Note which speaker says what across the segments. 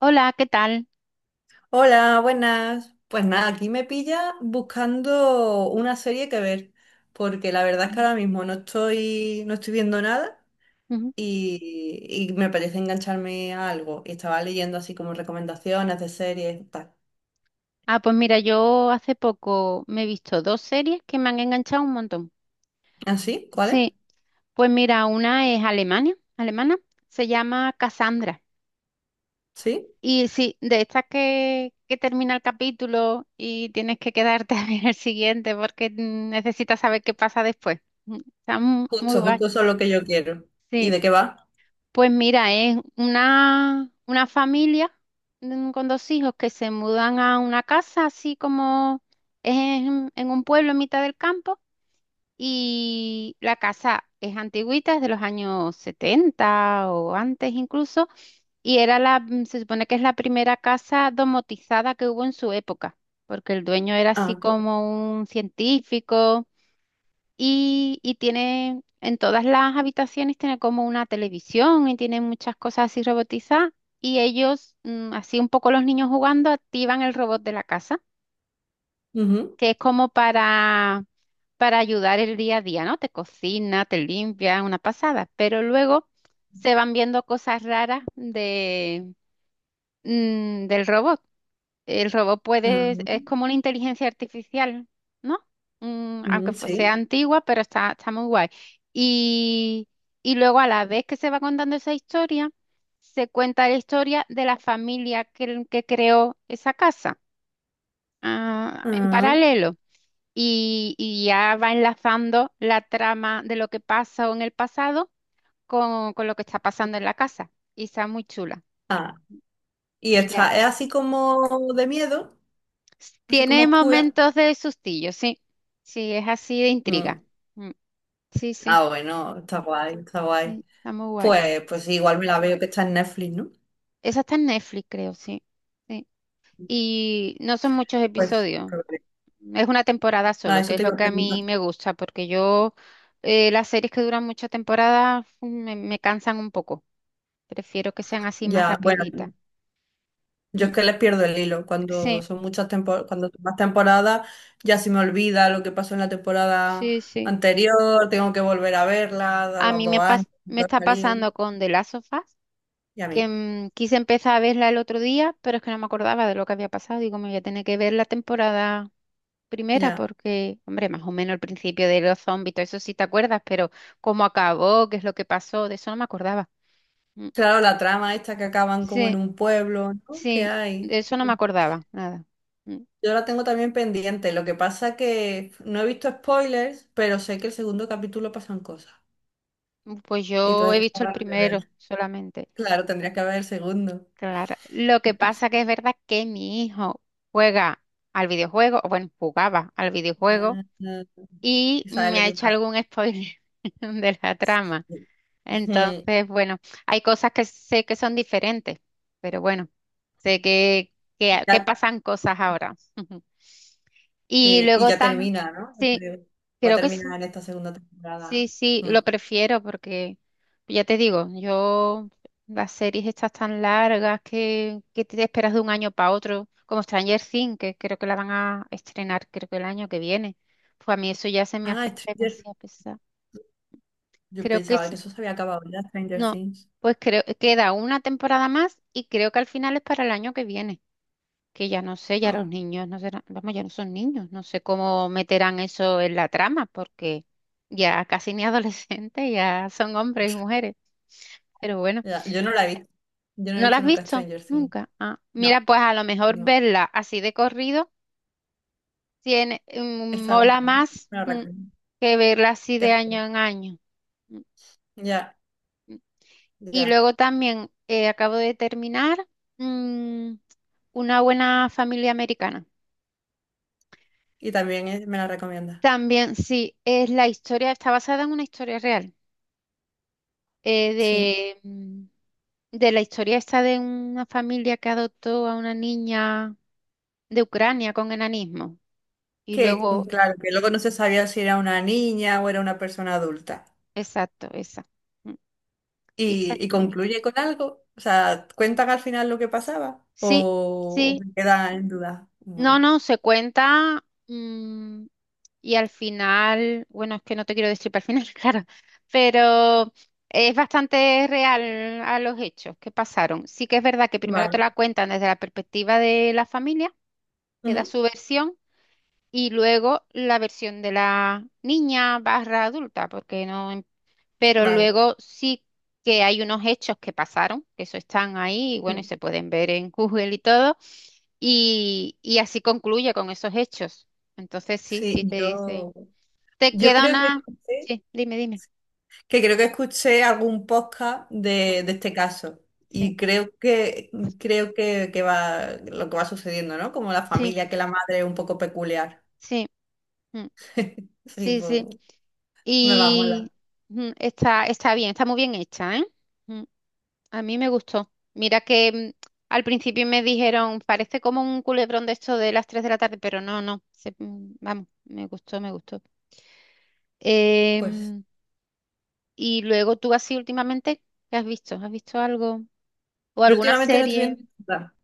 Speaker 1: Hola, ¿qué tal?
Speaker 2: Hola, buenas. Pues nada, aquí me pilla buscando una serie que ver, porque la verdad es que
Speaker 1: Mm,
Speaker 2: ahora mismo no estoy viendo nada
Speaker 1: ujú.
Speaker 2: y me parece engancharme a algo. Y estaba leyendo así como recomendaciones de series y tal.
Speaker 1: Ah, pues mira, yo hace poco me he visto dos series que me han enganchado un montón.
Speaker 2: ¿Ah, sí? ¿Cuáles?
Speaker 1: Sí, pues mira, una es Alemania, alemana, se llama Cassandra.
Speaker 2: Sí.
Speaker 1: Y sí, de estas que termina el capítulo y tienes que quedarte a ver el siguiente porque necesitas saber qué pasa después. Está muy
Speaker 2: Justo,
Speaker 1: guay.
Speaker 2: justo eso es lo que yo quiero. ¿Y
Speaker 1: Sí,
Speaker 2: de qué va?
Speaker 1: pues mira, es una familia con dos hijos que se mudan a una casa, así como es en un pueblo en mitad del campo, y la casa es antigüita, es de los años 70 o antes incluso, y era se supone que es la primera casa domotizada que hubo en su época, porque el dueño era
Speaker 2: Ah,
Speaker 1: así
Speaker 2: qué guay.
Speaker 1: como un científico y tiene en todas las habitaciones, tiene como una televisión y tiene muchas cosas así robotizadas. Y ellos, así un poco los niños jugando, activan el robot de la casa,
Speaker 2: Ujú.
Speaker 1: que es como para ayudar el día a día, ¿no? Te cocina, te limpia, una pasada. Pero luego se van viendo cosas raras del robot. El robot
Speaker 2: Ah,
Speaker 1: puede, es como una inteligencia artificial, ¿no? Aunque sea
Speaker 2: sí.
Speaker 1: antigua, pero está muy guay. Y, y luego a la vez que se va contando esa historia, se cuenta la historia de la familia que creó esa casa, en
Speaker 2: Ah,
Speaker 1: paralelo. Y ya va enlazando la trama de lo que pasó en el pasado con lo que está pasando en la casa. Y está muy chula.
Speaker 2: ah. Y
Speaker 1: Sí, ya.
Speaker 2: esta es así como de miedo, así como
Speaker 1: Tiene
Speaker 2: oscura.
Speaker 1: momentos de sustillo, sí. Sí, es así de
Speaker 2: Mm.
Speaker 1: intriga. Mm, sí, sí,
Speaker 2: Ah, bueno, está guay, está guay.
Speaker 1: sí, está muy guay.
Speaker 2: Pues, pues sí, igual me la veo que está en Netflix, ¿no?
Speaker 1: Esa está en Netflix, creo, sí. Sí. Y no son muchos
Speaker 2: Pues,
Speaker 1: episodios.
Speaker 2: probable.
Speaker 1: Es una temporada
Speaker 2: Ah,
Speaker 1: solo, que
Speaker 2: eso
Speaker 1: es
Speaker 2: te
Speaker 1: lo
Speaker 2: iba a
Speaker 1: que a
Speaker 2: preguntar.
Speaker 1: mí me gusta, porque yo las series que duran muchas temporadas me cansan un poco. Prefiero que sean así más
Speaker 2: Ya, bueno,
Speaker 1: rapiditas.
Speaker 2: yo
Speaker 1: Mm,
Speaker 2: es que les pierdo el hilo. Cuando
Speaker 1: sí,
Speaker 2: son muchas temporadas, cuando son más temporadas, ya se me olvida lo que pasó en la temporada
Speaker 1: sí, sí.
Speaker 2: anterior, tengo que volver a verla, a
Speaker 1: A
Speaker 2: los
Speaker 1: mí
Speaker 2: dos años,
Speaker 1: me
Speaker 2: cuando ha
Speaker 1: está
Speaker 2: salido,
Speaker 1: pasando con The Last of Us,
Speaker 2: y a
Speaker 1: que
Speaker 2: mí,
Speaker 1: quise empezar a verla el otro día, pero es que no me acordaba de lo que había pasado. Digo, me voy a tener que ver la temporada primera
Speaker 2: ya.
Speaker 1: porque, hombre, más o menos el principio de los zombies, todo eso sí te acuerdas, pero cómo acabó, qué es lo que pasó, de eso no me acordaba. Mm,
Speaker 2: Claro, la trama esta que acaban como en
Speaker 1: sí,
Speaker 2: un pueblo, ¿no? ¿Qué
Speaker 1: sí,
Speaker 2: hay?
Speaker 1: de eso no me acordaba, nada. Mm,
Speaker 2: Yo la tengo también pendiente. Lo que pasa que no he visto spoilers, pero sé que el segundo capítulo pasan cosas.
Speaker 1: pues
Speaker 2: Y
Speaker 1: yo he
Speaker 2: entonces
Speaker 1: visto
Speaker 2: tengo
Speaker 1: el
Speaker 2: ganas de
Speaker 1: primero
Speaker 2: ver.
Speaker 1: solamente.
Speaker 2: Claro, tendrías que ver el segundo.
Speaker 1: Claro, lo que pasa que es verdad que mi hijo juega al videojuego, o bueno, jugaba al videojuego
Speaker 2: Ah,
Speaker 1: y
Speaker 2: y ¿sabes
Speaker 1: me
Speaker 2: lo
Speaker 1: ha
Speaker 2: que
Speaker 1: hecho
Speaker 2: pasa?
Speaker 1: algún spoiler de la trama.
Speaker 2: Ujú.
Speaker 1: Entonces, bueno, hay cosas que sé que son diferentes, pero bueno, sé
Speaker 2: Y
Speaker 1: que
Speaker 2: ya,
Speaker 1: pasan cosas ahora. Y
Speaker 2: sí, y
Speaker 1: luego
Speaker 2: ya
Speaker 1: también,
Speaker 2: termina, ¿no?
Speaker 1: sí,
Speaker 2: Creo. Va a
Speaker 1: creo que sí,
Speaker 2: terminar en esta segunda temporada.
Speaker 1: sí, sí,
Speaker 2: Mm.
Speaker 1: lo prefiero porque, ya te digo, yo, las series estas tan largas que te esperas de un año para otro, como Stranger Things, que creo que la van a estrenar, creo que el año que viene, pues a mí eso ya se me hace
Speaker 2: Ah, Stranger.
Speaker 1: demasiado pesado.
Speaker 2: Yo
Speaker 1: Creo que
Speaker 2: pensaba
Speaker 1: es,
Speaker 2: que eso se había acabado ya, Stranger
Speaker 1: no,
Speaker 2: Things.
Speaker 1: pues creo queda una temporada más y creo que al final es para el año que viene, que ya no sé, ya los
Speaker 2: Ah.
Speaker 1: niños no serán, vamos, ya no son niños, no sé cómo meterán eso en la trama porque ya casi ni adolescentes, ya son hombres y mujeres, pero bueno,
Speaker 2: Ya, yo no la he visto. Yo no he
Speaker 1: ¿no la
Speaker 2: visto
Speaker 1: has
Speaker 2: nunca
Speaker 1: visto?
Speaker 2: Stranger Things.
Speaker 1: Nunca. Ah, mira,
Speaker 2: No,
Speaker 1: pues a lo mejor
Speaker 2: no.
Speaker 1: verla así de corrido tiene,
Speaker 2: Está
Speaker 1: mola
Speaker 2: buena, ¿no?
Speaker 1: más,
Speaker 2: Me la recomiendo.
Speaker 1: que verla así
Speaker 2: ¿Qué
Speaker 1: de
Speaker 2: esperas?
Speaker 1: año en año. mm,
Speaker 2: Ya,
Speaker 1: Y
Speaker 2: ya.
Speaker 1: luego también acabo de terminar mm, Una buena familia americana.
Speaker 2: Y también me la recomienda.
Speaker 1: También, sí, es la historia, está basada en una historia real, eh,
Speaker 2: Sí.
Speaker 1: de, mm, de la historia esta de una familia que adoptó a una niña de Ucrania con enanismo. Y
Speaker 2: Que
Speaker 1: luego,
Speaker 2: claro, que luego no se sabía si era una niña o era una persona adulta.
Speaker 1: exacto, esa. Mm, y esa
Speaker 2: Y
Speaker 1: está-
Speaker 2: concluye con algo. O sea, ¿cuentan al final lo que pasaba?
Speaker 1: Sí, sí,
Speaker 2: O se queda en duda? Mm,
Speaker 1: no, no, se cuenta y al final, bueno, es que no te quiero destripar al final, claro, pero es bastante real a los hechos que pasaron. Sí que es verdad que primero te
Speaker 2: vale.
Speaker 1: la cuentan desde la perspectiva de la familia, que da
Speaker 2: Ujú,
Speaker 1: su versión, y luego la versión de la niña barra adulta, porque no, pero
Speaker 2: vale.
Speaker 1: luego sí que hay unos hechos que pasaron, que eso están ahí, y bueno, y
Speaker 2: Mm.
Speaker 1: se pueden ver en Google y todo, y así concluye con esos hechos. Entonces sí,
Speaker 2: Sí,
Speaker 1: sí te dice,
Speaker 2: yo,
Speaker 1: te
Speaker 2: yo
Speaker 1: queda
Speaker 2: creo que
Speaker 1: una...
Speaker 2: escuché.
Speaker 1: Sí, dime, dime.
Speaker 2: Que creo que escuché algún podcast
Speaker 1: Mm,
Speaker 2: de este caso
Speaker 1: sí,
Speaker 2: y creo que va lo que va sucediendo, ¿no? Como la
Speaker 1: sí,
Speaker 2: familia, que la madre es un poco peculiar.
Speaker 1: sí, mm,
Speaker 2: Sí,
Speaker 1: sí,
Speaker 2: pues
Speaker 1: sí.
Speaker 2: me va a molar.
Speaker 1: Y está bien, está muy bien hecha, ¿eh? Mm. A mí me gustó. Mira que, al principio me dijeron, parece como un culebrón de esto de las 3 de la tarde, pero no, no vamos, me gustó, me gustó.
Speaker 2: Pues
Speaker 1: Em, y luego tú así últimamente, ¿qué has visto? ¿Has visto algo? ¿O
Speaker 2: yo
Speaker 1: alguna
Speaker 2: últimamente no estoy
Speaker 1: serie?
Speaker 2: viendo nada.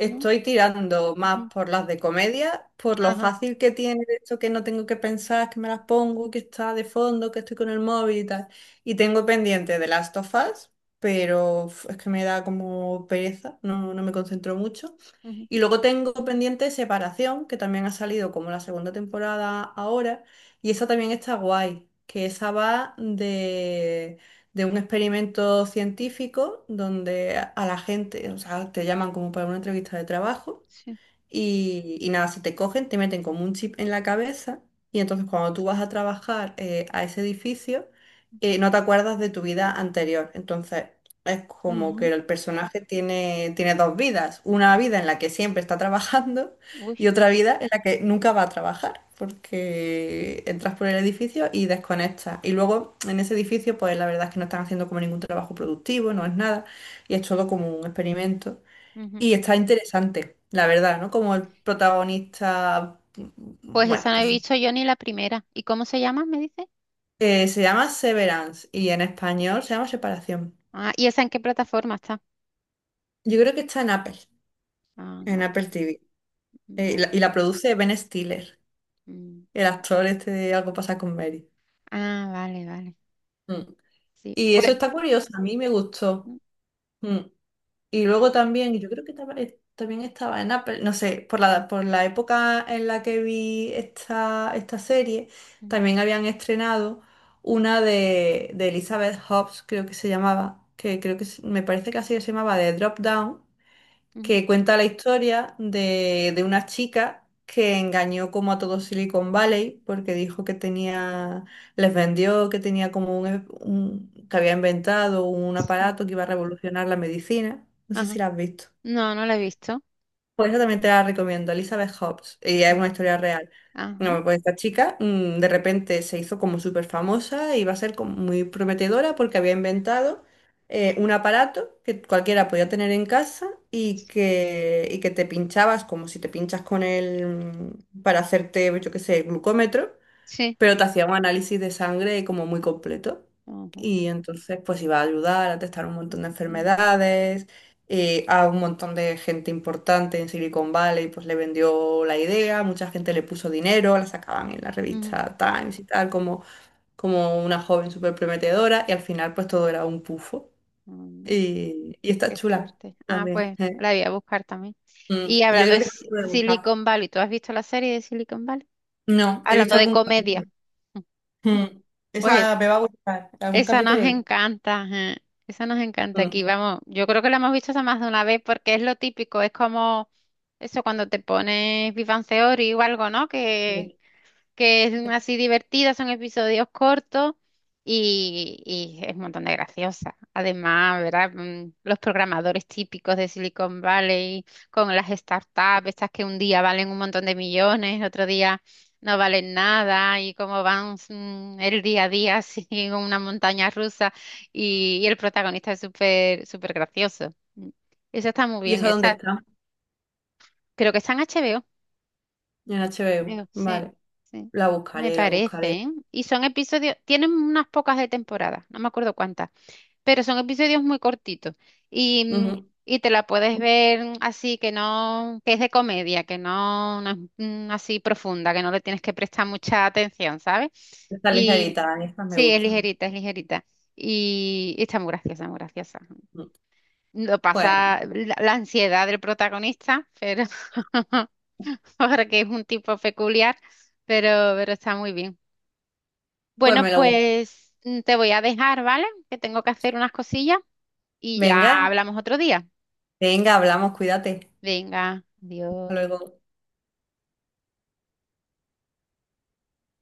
Speaker 1: ¿No?
Speaker 2: tirando más
Speaker 1: Ujú.
Speaker 2: por las de comedia, por lo
Speaker 1: Ajá.
Speaker 2: fácil que tiene esto que no tengo que pensar, que me las pongo, que está de fondo, que estoy con el móvil y tal. Y tengo pendiente de Last of Us, pero uf, es que me da como pereza, no me concentro mucho.
Speaker 1: Ujú,
Speaker 2: Y luego tengo pendiente Separación, que también ha salido como la segunda temporada ahora, y esa también está guay, que esa va de un experimento científico donde a la gente, o sea, te llaman como para una entrevista de trabajo.
Speaker 1: sí.
Speaker 2: Y nada, si te cogen, te meten como un chip en la cabeza y entonces cuando tú vas a trabajar a ese edificio, no te acuerdas de tu vida anterior. Entonces es como que
Speaker 1: Ajá.
Speaker 2: el personaje tiene, tiene dos vidas, una vida en la que siempre está trabajando
Speaker 1: Uy.
Speaker 2: y otra vida en la que nunca va a trabajar, porque entras por el edificio y desconectas. Y luego en ese edificio, pues la verdad es que no están haciendo como ningún trabajo productivo, no es nada, y es todo como un experimento.
Speaker 1: Ujú.
Speaker 2: Y está interesante, la verdad, ¿no? Como el protagonista,
Speaker 1: Pues
Speaker 2: bueno,
Speaker 1: esa no he
Speaker 2: pues
Speaker 1: visto yo ni la primera. ¿Y cómo se llama, me dice?
Speaker 2: se llama Severance y en español se llama Separación.
Speaker 1: Ah, ¿y esa en qué plataforma está?
Speaker 2: Yo creo que está
Speaker 1: Ah, en
Speaker 2: en Apple
Speaker 1: Apple.
Speaker 2: TV.
Speaker 1: Vale.
Speaker 2: Y la produce Ben Stiller,
Speaker 1: Mm.
Speaker 2: el actor este de Algo pasa con Mary.
Speaker 1: Ah, vale, vale.
Speaker 2: Mm.
Speaker 1: Sí.
Speaker 2: Y eso
Speaker 1: Pues.
Speaker 2: está curioso, a mí me gustó.
Speaker 1: mm,
Speaker 2: Mm. Y luego
Speaker 1: vale.
Speaker 2: también, yo creo que también estaba en Apple, no sé, por la época en la que vi esta, esta serie,
Speaker 1: Ujú,
Speaker 2: también habían estrenado una de Elizabeth Hobbs, creo que se llamaba, que creo que me parece que así se llamaba, de Drop Down,
Speaker 1: ujú,
Speaker 2: que cuenta la historia de una chica que engañó como a todo Silicon Valley porque dijo que tenía, les vendió que tenía como un, que había inventado un
Speaker 1: sí.
Speaker 2: aparato que iba a revolucionar la medicina. No sé si
Speaker 1: Ajá.
Speaker 2: la has visto.
Speaker 1: No, no la he visto.
Speaker 2: Por eso también te la recomiendo, Elizabeth Hobbs, y es
Speaker 1: Ah,
Speaker 2: una historia real.
Speaker 1: ajá.
Speaker 2: No, pues esta chica de repente se hizo como súper famosa y va a ser como muy prometedora porque había inventado un aparato que cualquiera podía tener en casa y que te pinchabas como si te pinchas con él, para hacerte, yo qué sé, glucómetro.
Speaker 1: Sí.
Speaker 2: Pero te hacía un análisis de sangre como muy completo
Speaker 1: Ajá.
Speaker 2: y entonces pues iba a ayudar a testar un montón de
Speaker 1: Ujú,
Speaker 2: enfermedades, a un montón de gente importante en Silicon Valley pues le vendió la idea, mucha gente le puso dinero, la sacaban en la
Speaker 1: ujú.
Speaker 2: revista Times y tal como, como una joven súper prometedora y al final pues todo era un pufo
Speaker 1: Mm,
Speaker 2: y está
Speaker 1: qué
Speaker 2: chula
Speaker 1: fuerte. Ah,
Speaker 2: también.
Speaker 1: pues
Speaker 2: Eh.
Speaker 1: la voy a buscar también.
Speaker 2: Mm,
Speaker 1: Y
Speaker 2: yo
Speaker 1: hablando
Speaker 2: creo
Speaker 1: de
Speaker 2: que te puede gustar.
Speaker 1: Silicon Valley, ¿tú has visto la serie de Silicon Valley?
Speaker 2: No, he
Speaker 1: Hablando
Speaker 2: visto
Speaker 1: de
Speaker 2: algún
Speaker 1: comedia.
Speaker 2: capítulo.
Speaker 1: Mm,
Speaker 2: Mm,
Speaker 1: pues
Speaker 2: esa me va a gustar, algún
Speaker 1: esa nos
Speaker 2: capítulo he
Speaker 1: encanta, ajá. Esa nos encanta aquí,
Speaker 2: visto.
Speaker 1: vamos, yo creo que la hemos visto hasta más de una vez porque es lo típico, es como eso cuando te pones Big Bang Theory o algo, ¿no?
Speaker 2: Sí.
Speaker 1: Que es así divertida, son episodios cortos y es un montón de graciosa. Además, ¿verdad? Mm, los programadores típicos de Silicon Valley con las startups, estas que un día valen un montón de millones, otro día no valen nada y cómo van, el día a día así en una montaña rusa y el protagonista es súper súper gracioso. Mm. Esa está muy
Speaker 2: ¿Y
Speaker 1: bien,
Speaker 2: esa dónde
Speaker 1: esa
Speaker 2: está?
Speaker 1: creo que está en HBO.
Speaker 2: En H B HBO.
Speaker 1: Creo, sí,
Speaker 2: Vale.
Speaker 1: sí.
Speaker 2: La
Speaker 1: Me
Speaker 2: buscaré, la
Speaker 1: parece,
Speaker 2: buscaré.
Speaker 1: ¿eh? Y son episodios, tienen unas pocas de temporada, no me acuerdo cuántas, pero son episodios muy cortitos. Y,
Speaker 2: Ujú.
Speaker 1: y te la puedes ver así, que no, que es de comedia, que no, no es, así profunda, que no le tienes que prestar mucha atención, ¿sabes?
Speaker 2: Estas
Speaker 1: Y
Speaker 2: ligeritas, estas me
Speaker 1: sí, es
Speaker 2: gustan.
Speaker 1: ligerita, es ligerita. Y está muy graciosa, muy graciosa.
Speaker 2: Ujú.
Speaker 1: Lo
Speaker 2: Pues,
Speaker 1: pasa la ansiedad del protagonista, pero porque es un tipo peculiar, pero, pero está muy bien.
Speaker 2: pues
Speaker 1: Bueno,
Speaker 2: me lo busco.
Speaker 1: pues, te voy a dejar, ¿vale? Que tengo que hacer unas cosillas y
Speaker 2: Venga,
Speaker 1: ya hablamos otro día.
Speaker 2: venga, hablamos, cuídate.
Speaker 1: Venga,
Speaker 2: Hasta
Speaker 1: adiós.
Speaker 2: luego.